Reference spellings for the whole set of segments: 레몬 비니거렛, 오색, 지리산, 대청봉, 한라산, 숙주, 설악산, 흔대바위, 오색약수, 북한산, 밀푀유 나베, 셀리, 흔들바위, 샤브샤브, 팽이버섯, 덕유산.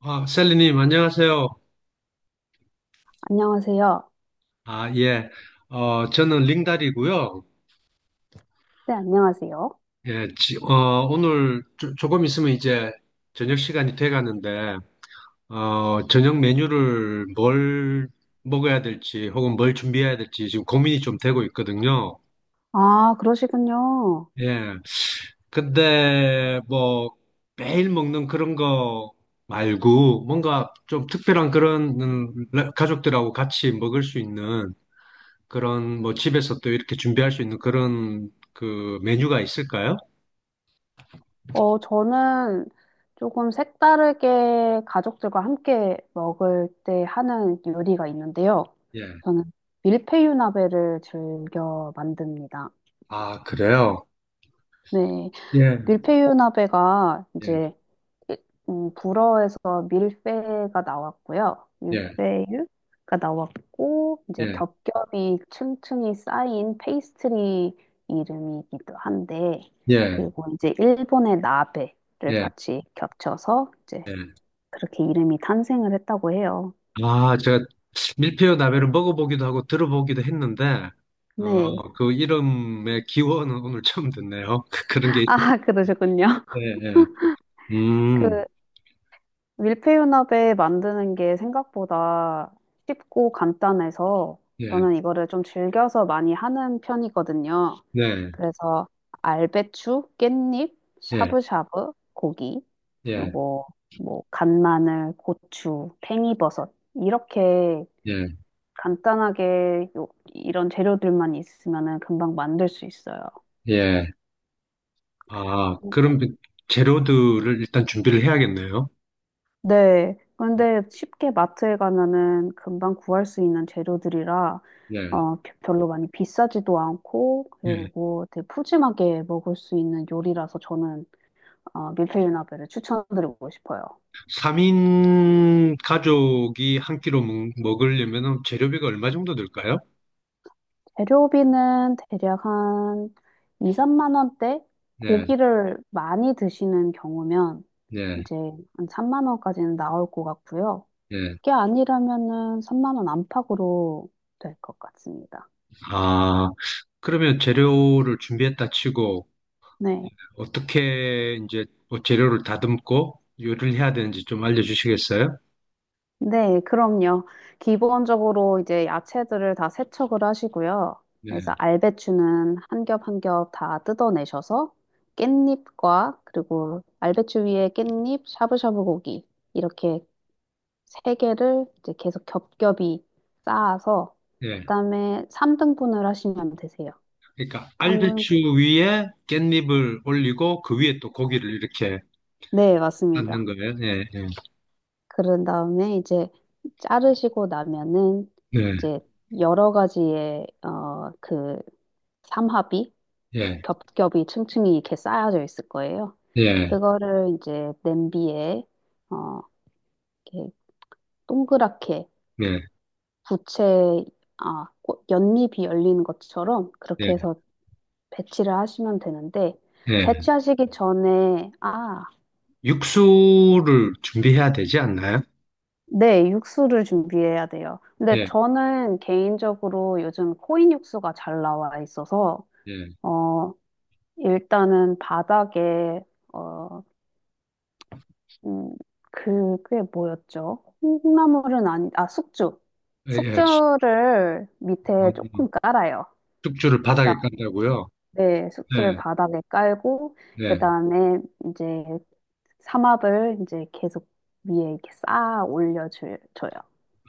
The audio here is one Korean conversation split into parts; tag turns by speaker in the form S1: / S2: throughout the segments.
S1: 아, 셀리님, 안녕하세요.
S2: 안녕하세요.
S1: 아, 예. 저는 링달이고요.
S2: 네, 안녕하세요.
S1: 예, 오늘 조, 금 있으면 이제 저녁 시간이 돼 가는데, 저녁 메뉴를 뭘 먹어야 될지 혹은 뭘 준비해야 될지 지금 고민이 좀 되고 있거든요.
S2: 아, 그러시군요.
S1: 예. 근데 뭐 매일 먹는 그런 거 말고 뭔가 좀 특별한 그런 가족들하고 같이 먹을 수 있는 그런 뭐 집에서 또 이렇게 준비할 수 있는 그런 그 메뉴가 있을까요?
S2: 저는 조금 색다르게 가족들과 함께 먹을 때 하는 요리가 있는데요.
S1: 예.
S2: 저는 밀푀유 나베를 즐겨 만듭니다.
S1: 아, 그래요?
S2: 네,
S1: 예.
S2: 밀푀유 나베가
S1: 예.
S2: 이제 일- 불어에서 밀페가 나왔고요.
S1: 예.
S2: 밀페유가 나왔고, 이제
S1: 예.
S2: 겹겹이 층층이 쌓인 페이스트리 이름이기도 한데,
S1: 예.
S2: 그리고 이제 일본의 나베를
S1: 예.
S2: 같이 겹쳐서 이제
S1: 예.
S2: 그렇게 이름이 탄생을 했다고 해요.
S1: 아, 제가 밀푀유 나베를 먹어보기도 하고 들어보기도 했는데 어,
S2: 네.
S1: 그 이름의 기원은 오늘 처음 듣네요. 그런 게 있...
S2: 아, 그러셨군요.
S1: 예, 예. 음.
S2: 그 밀푀유나베 만드는 게 생각보다 쉽고 간단해서
S1: 예.
S2: 저는 이거를 좀 즐겨서 많이 하는 편이거든요.
S1: 네.
S2: 그래서 알배추, 깻잎,
S1: 예.
S2: 샤브샤브, 고기,
S1: 예.
S2: 그리고 뭐 간마늘, 고추, 팽이버섯 이렇게
S1: 예.
S2: 간단하게 이런 재료들만 있으면은 금방 만들 수 있어요.
S1: 예. 아,
S2: 고-
S1: 그럼 그 재료들을 일단 준비를 해야겠네요.
S2: 네. 그런데 쉽게 마트에 가면은 금방 구할 수 있는 재료들이라
S1: 예.
S2: 별로 많이 비싸지도 않고
S1: 예.
S2: 그리고 되게 푸짐하게 먹을 수 있는 요리라서 저는 밀푀유나베를 추천드리고 싶어요.
S1: 3인 가족이 한 끼로 먹으려면 재료비가 얼마 정도 들까요?
S2: 재료비는 대략 한 2, 3만 원대?
S1: 네,
S2: 고기를 많이 드시는 경우면
S1: 네,
S2: 이제 한 3만 원까지는 나올 것 같고요.
S1: 네.
S2: 그게 아니라면은 3만 원 안팎으로 될 것 같습니다.
S1: 아, 그러면 재료를 준비했다 치고,
S2: 네.
S1: 어떻게 이제 뭐 재료를 다듬고 요리를 해야 되는지 좀 알려주시겠어요?
S2: 네, 그럼요. 기본적으로 이제 야채들을 다 세척을 하시고요.
S1: 네,
S2: 그래서 알배추는 한 겹 한 겹 다 뜯어내셔서 깻잎과 그리고 알배추 위에 깻잎, 샤브샤브 고기 이렇게 3개를 이제 계속 겹겹이 쌓아서
S1: 네.
S2: 그다음에 3등분을 하시면 되세요.
S1: 그러니까
S2: 한분
S1: 알배추 위에 깻잎을 올리고 그 위에 또 고기를 이렇게
S2: 네,
S1: 넣는
S2: 맞습니다.
S1: 거예요. 네, 네,
S2: 그런 다음에 이제 자르시고 나면은
S1: 네,
S2: 이제 여러 가지의 그 삼합이
S1: 네,
S2: 겹겹이 층층이 이렇게 쌓여져 있을 거예요.
S1: 네,
S2: 그거를 이제 냄비에 어, 이렇게 동그랗게
S1: 네,
S2: 부채 연잎이 열리는 것처럼 그렇게
S1: 네.
S2: 해서 배치를 하시면 되는데,
S1: 네.
S2: 배치하시기 전에,
S1: 육수를 준비해야 되지 않나요?
S2: 네, 육수를 준비해야 돼요. 근데 저는 개인적으로 요즘 코인 육수가 잘 나와 있어서,
S1: 예,
S2: 어, 일단은 바닥에, 어, 음, 그게 뭐였죠? 콩나물은 아니, 숙주.
S1: 예, 예.
S2: 숙주를
S1: 어,
S2: 밑에 조금 깔아요.
S1: 숙주를 바닥에
S2: 그다음
S1: 깐다고요?
S2: 네, 숙주를
S1: 네,
S2: 바닥에 깔고, 그
S1: 네.
S2: 다음에 이제 삼합을 이제 계속 위에 이렇게 쌓아 올려줘요.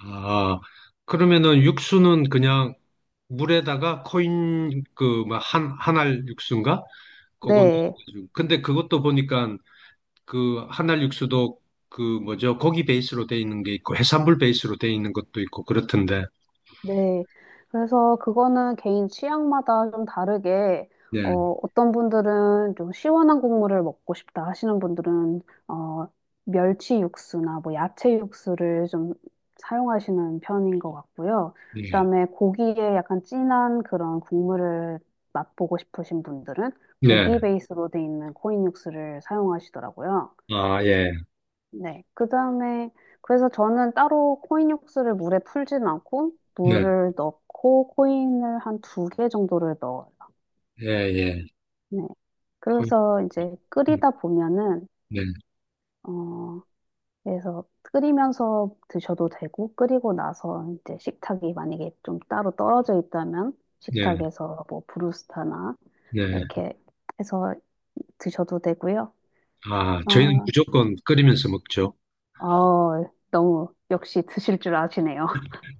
S1: 아, 그러면은 육수는 그냥 물에다가 코인 그 뭐 한 한알 육수인가? 그건
S2: 네,
S1: 근데 그것도 보니까 그 한알 육수도 그 뭐죠? 고기 베이스로 돼 있는 게 있고 해산물 베이스로 돼 있는 것도 있고 그렇던데.
S2: 네. 그래서 그거는 개인 취향마다 좀 다르게,
S1: 예,
S2: 어떤 분들은 좀 시원한 국물을 먹고 싶다 하시는 분들은, 어, 멸치 육수나 뭐 야채 육수를 좀 사용하시는 편인 것 같고요.
S1: 예,
S2: 그다음에 고기에 약간 진한 그런 국물을 맛보고 싶으신 분들은
S1: 네.
S2: 고기 베이스로 돼 있는 코인 육수를 사용하시더라고요.
S1: 아, 예,
S2: 네. 그다음에 그래서 저는 따로 코인 육수를 물에 풀진 않고
S1: 네,
S2: 물을 넣고 코인을 한 두 개 정도를 넣어요.
S1: 예, 예.
S2: 네.
S1: 코인,
S2: 그래서 이제 끓이다 보면은
S1: 네,
S2: 어 그래서 끓이면서 드셔도 되고 끓이고 나서 이제 식탁이 만약에 좀 따로 떨어져 있다면
S1: 네,
S2: 식탁에서 뭐 브루스타나
S1: 네.
S2: 이렇게 해서 드셔도 되고요.
S1: 아, 저희는
S2: 어,
S1: 무조건 끓이면서 먹죠.
S2: 어, 너무 역시 드실 줄 아시네요.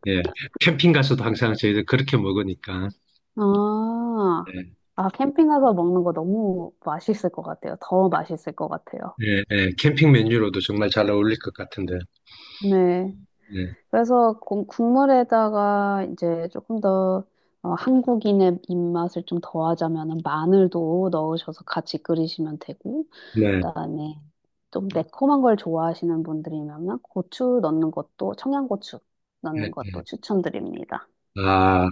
S1: 예. 캠핑 가서도 항상 저희들 그렇게 먹으니까.
S2: 아,
S1: 예.
S2: 아, 캠핑 가서 먹는 거 너무 맛있을 것 같아요. 더 맛있을 것 같아요.
S1: 예, 예. 캠핑 메뉴로도 정말 잘 어울릴 것 같은데.
S2: 네.
S1: 네.
S2: 그래서 국물에다가 이제 조금 더 한국인의 입맛을 좀 더하자면 마늘도 넣으셔서 같이 끓이시면 되고,
S1: 네.
S2: 그다음에 좀 매콤한 걸 좋아하시는 분들이면 고추 넣는 것도, 청양고추
S1: 예,
S2: 넣는
S1: 예.
S2: 것도 추천드립니다.
S1: 아,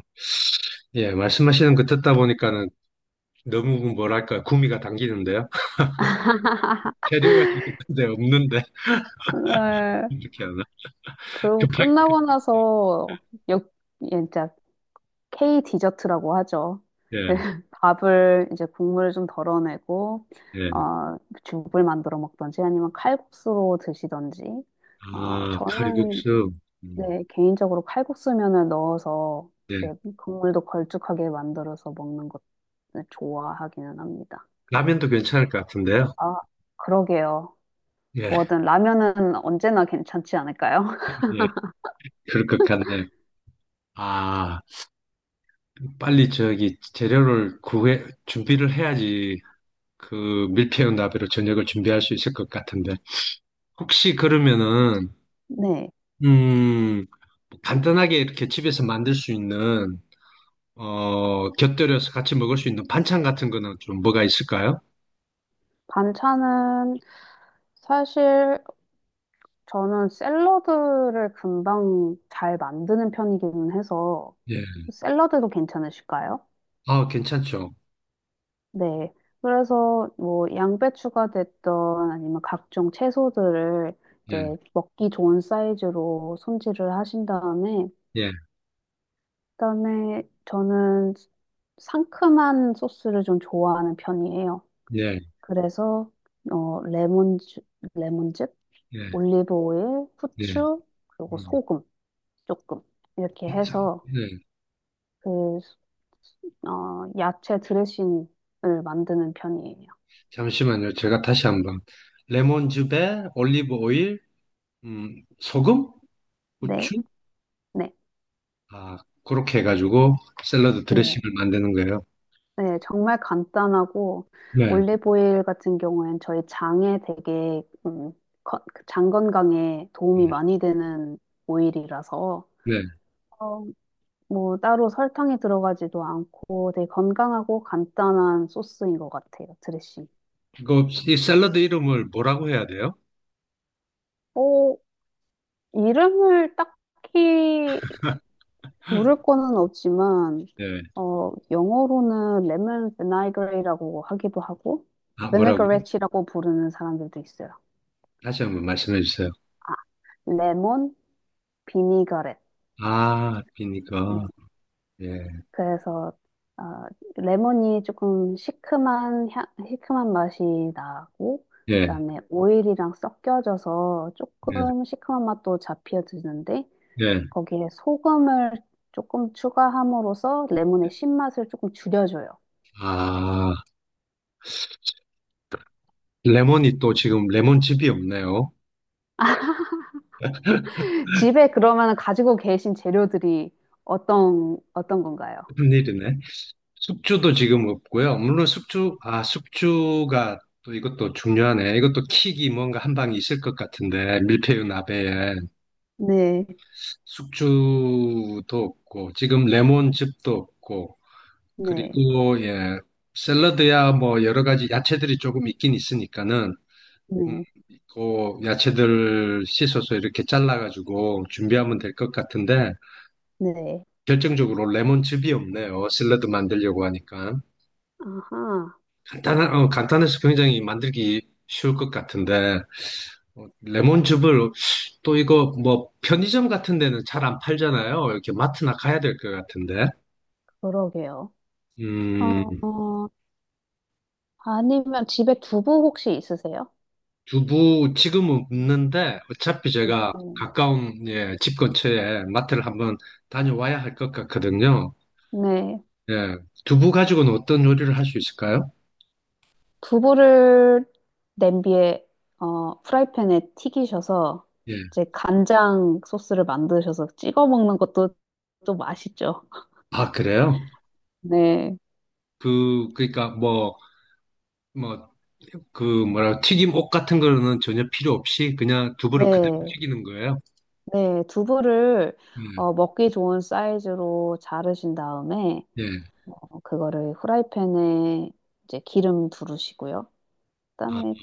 S1: 예. 말씀하시는 거 듣다 보니까는 너무 뭐랄까, 구미가 당기는데요. 재료가 있는데 없는데.
S2: 네.
S1: 이렇게 하나?
S2: 그리고
S1: 급하게.
S2: 끝나고 나서 역, K 디저트라고 하죠.
S1: 예,
S2: 밥을 이제 국물을 좀 덜어내고
S1: 예.
S2: 어, 죽을 만들어 먹던지 아니면 칼국수로 드시던지
S1: 아,
S2: 저는
S1: 칼국수. 음,
S2: 네, 개인적으로 칼국수면을 넣어서
S1: 예.
S2: 이제 국물도 걸쭉하게 만들어서 먹는 것을 좋아하기는 합니다.
S1: 라면도 괜찮을 것 같은데요.
S2: 아, 그러게요.
S1: 예,
S2: 뭐든 라면은 언제나 괜찮지 않을까요?
S1: 예. 그럴 것 같네요. 아. 빨리 저기 재료를 구해 준비를 해야지 그 밀푀유 나베로 저녁을 준비할 수 있을 것 같은데 혹시 그러면은
S2: 네.
S1: 음 간단하게 이렇게 집에서 만들 수 있는 곁들여서 같이 먹을 수 있는 반찬 같은 거는 좀 뭐가 있을까요?
S2: 반찬은 사실 저는 샐러드를 금방 잘 만드는 편이기는 해서
S1: 예.
S2: 샐러드도 괜찮으실까요?
S1: 아, 괜찮죠.
S2: 네. 그래서 뭐 양배추가 됐던 아니면 각종 채소들을 이제
S1: 예.
S2: 먹기 좋은 사이즈로 손질을 하신 다음에
S1: 예.
S2: 그다음에 저는 상큼한 소스를 좀 좋아하는 편이에요.
S1: 예.
S2: 그래서 어 레몬즙, 레몬즙,
S1: 예.
S2: 올리브 오일,
S1: 예.
S2: 후추, 그리고
S1: 음,
S2: 소금 조금 이렇게 해서
S1: 예.
S2: 그, 야채 드레싱을 만드는 편이에요.
S1: 잠시만요. 제가 다시 한번 레몬즙에 올리브 오일, 소금,
S2: 네,
S1: 후추
S2: 네,
S1: 아, 그렇게 해가지고 샐러드
S2: 네.
S1: 드레싱을 만드는 거예요.
S2: 네, 정말 간단하고,
S1: 네,
S2: 올리브오일 같은 경우엔 저희 장에 되게, 그 장 건강에 도움이 많이 되는 오일이라서,
S1: 네.
S2: 어, 뭐, 따로 설탕이 들어가지도 않고 되게 건강하고 간단한 소스인 것 같아요, 드레싱.
S1: 이거 이 샐러드 이름을 뭐라고 해야 돼요?
S2: 어, 이름을 딱히 물을 거는 없지만
S1: 예.
S2: 영어로는 레몬 비나그레이라고 하기도 하고
S1: 아, 뭐라고
S2: 비네그레치라고 부르는 사람들도 있어요.
S1: 다시 한번 말씀해 주세요.
S2: 아 레몬 비니거렛.
S1: 아, 비니까.
S2: 네.
S1: 예,
S2: 그래서 어, 레몬이 조금 시큼한 향, 시큼한 맛이 나고
S1: 예,
S2: 그다음에 오일이랑 섞여져서
S1: 예,
S2: 조금 시큼한 맛도 잡혀드는데
S1: 예.
S2: 거기에 소금을 조금 추가함으로써 레몬의 신맛을 조금 줄여줘요.
S1: 아, 레몬이 또 지금 레몬즙이 없네요.
S2: 집에 그러면 가지고 계신 재료들이 어떤 건가요?
S1: 큰일이네. 숙주도 지금 없고요. 물론 숙주가 또 이것도 중요하네. 이것도 킥이 뭔가 한 방이 있을 것 같은데, 밀푀유 나베에.
S2: 네,
S1: 숙주도 없고 지금 레몬즙도 없고
S2: 네,
S1: 그리고 예 샐러드야 뭐 여러 가지 야채들이 조금 있긴 있으니까는 음,
S2: 네,
S1: 그 야채들 씻어서 이렇게 잘라가지고 준비하면 될 것 같은데
S2: 네.
S1: 결정적으로 레몬즙이 없네요 샐러드 만들려고 하니까
S2: 아하,
S1: 간단해서 굉장히 만들기 쉬울 것 같은데 레몬즙을 또 이거 뭐 편의점 같은 데는 잘 안 팔잖아요 이렇게 마트나 가야 될 것 같은데
S2: 그러게요. 어,
S1: 음.
S2: 어, 아니면 집에 두부 혹시 있으세요?
S1: 두부 지금은 없는데 어차피 제가
S2: 음,
S1: 가까운 예, 집 근처에 마트를 한번 다녀와야 할 것 같거든요.
S2: 네.
S1: 예, 두부 가지고는 어떤 요리를 할 수 있을까요?
S2: 두부를 냄비에, 프라이팬에 튀기셔서
S1: 예.
S2: 이제 간장 소스를 만드셔서 찍어 먹는 것도 또 맛있죠.
S1: 아, 그래요?
S2: 네.
S1: 그러니까 뭐 그 뭐라 튀김 옷 같은 거는 전혀 필요 없이 그냥 두부를 그대로
S2: 네.
S1: 튀기는 거예요.
S2: 네, 두부를
S1: 예.
S2: 먹기 좋은 사이즈로 자르신 다음에
S1: 예.
S2: 그거를 후라이팬에 이제 기름 두르시고요.
S1: 아,
S2: 그다음에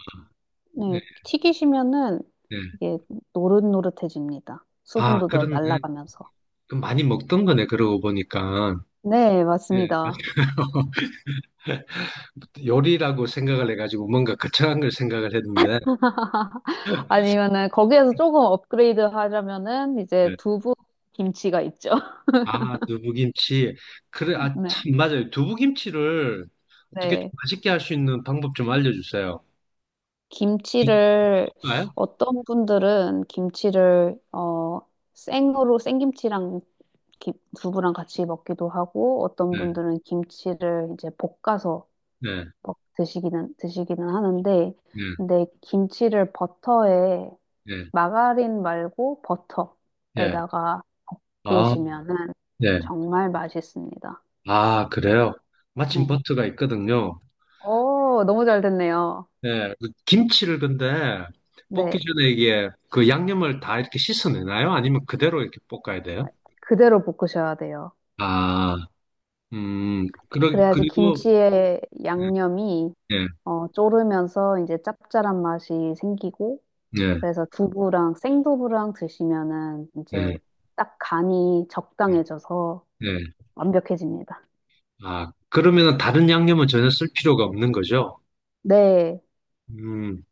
S1: 예,
S2: 네, 튀기시면은
S1: 예.
S2: 이게 노릇노릇해집니다.
S1: 아,
S2: 수분도 더
S1: 그렇네.
S2: 날아가면서.
S1: 그럼 많이 먹던 거네, 그러고 보니까.
S2: 네,
S1: 예,
S2: 맞습니다.
S1: 맞아요. 요리라고 생각을 해가지고 뭔가 거창한 걸 생각을 했는데
S2: 아니면은 거기에서 조금 업그레이드 하려면은 이제
S1: 예.
S2: 두부 김치가 있죠.
S1: 아 두부김치 그래 아
S2: 네,
S1: 참 맞아요 두부김치를 어떻게 좀
S2: 네.
S1: 맛있게 할 수 있는 방법 좀 알려주세요.
S2: 김치를
S1: 볼까요?
S2: 어떤 분들은 김치를 생으로 생김치랑 김- 두부랑 같이 먹기도 하고 어떤
S1: 네,
S2: 분들은 김치를 이제 볶아서
S1: 네,
S2: 드시기는 하는데
S1: 네,
S2: 근데 김치를 버터에
S1: 네,
S2: 마가린 말고
S1: 예.
S2: 버터에다가
S1: 아,
S2: 볶으시면은
S1: 네.
S2: 정말 맛있습니다.
S1: 아, 그래요? 마침
S2: 네.
S1: 버터가 있거든요.
S2: 오, 너무 잘 됐네요.
S1: 네, 그 김치를 근데 볶기
S2: 네.
S1: 전에 이게 그 양념을 다 이렇게 씻어내나요? 아니면 그대로 이렇게 볶아야 돼요?
S2: 그대로 볶으셔야 돼요.
S1: 아, 그러,
S2: 그래야지
S1: 그리고,
S2: 김치의
S1: 예.
S2: 양념이
S1: 예,
S2: 졸으면서 이제 짭짤한 맛이 생기고,
S1: 예,
S2: 그래서 두부랑 생두부랑 드시면은 이제
S1: 예,
S2: 딱 간이
S1: 예.
S2: 적당해져서
S1: 예.
S2: 완벽해집니다.
S1: 아, 그러면은 다른 양념은 전혀 쓸 필요가 없는 거죠?
S2: 네.
S1: 음,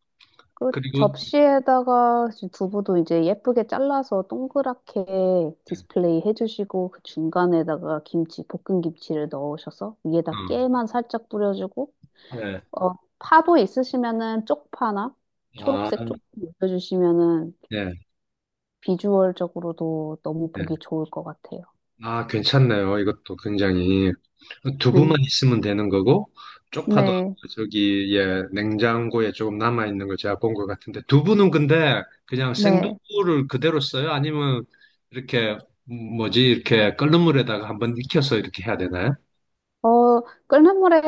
S2: 그
S1: 그리고,
S2: 접시에다가 두부도 이제 예쁘게 잘라서 동그랗게 디스플레이 해주시고, 그 중간에다가 김치, 볶은 김치를 넣으셔서 위에다
S1: 어,
S2: 깨만 살짝 뿌려주고,
S1: 예,
S2: 어, 파도 있으시면은 쪽파나
S1: 아,
S2: 초록색 쪽파 올려주시면은
S1: 예,
S2: 비주얼적으로도 너무
S1: 예.
S2: 보기 좋을 것 같아요.
S1: 아, 괜찮네요. 이것도 굉장히. 두부만
S2: 네.
S1: 있으면 되는 거고, 쪽파도
S2: 네.
S1: 저기, 예, 냉장고에 조금 남아있는 거 제가 본 것 같은데, 두부는 근데 그냥
S2: 네.
S1: 생두부를 그대로 써요? 아니면 이렇게, 뭐지, 이렇게 끓는 물에다가 한번 익혀서 이렇게 해야 되나요?
S2: 어, 끓는 물에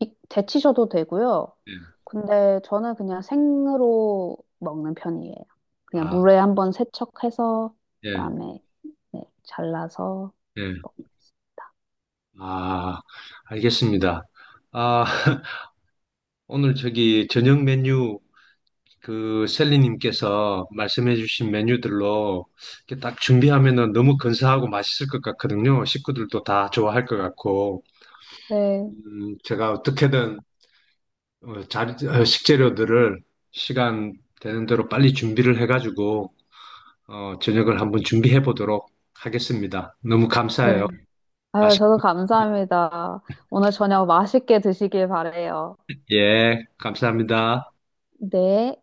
S2: 데치셔도 되고요.
S1: 예.
S2: 근데 저는 그냥 생으로 먹는 편이에요. 그냥
S1: 아,
S2: 물에 한번 세척해서
S1: 예,
S2: 그다음에 네, 잘라서
S1: 예.
S2: 먹습니다.
S1: 아, 알겠습니다. 아, 오늘 저기 저녁 메뉴 그 셀리님께서 말씀해주신 메뉴들로 이렇게 딱 준비하면은 너무 근사하고 맛있을 것 같거든요. 식구들도 다 좋아할 것 같고,
S2: 네.
S1: 제가 어떻게든 식재료들을 시간 되는 대로 빨리 준비를 해가지고 저녁을 한번 준비해 보도록 하겠습니다. 너무 감사해요.
S2: 네. 아유,
S1: 맛있,
S2: 저도 감사합니다. 오늘 저녁 맛있게 드시길 바래요.
S1: 예, 감사합니다.
S2: 네.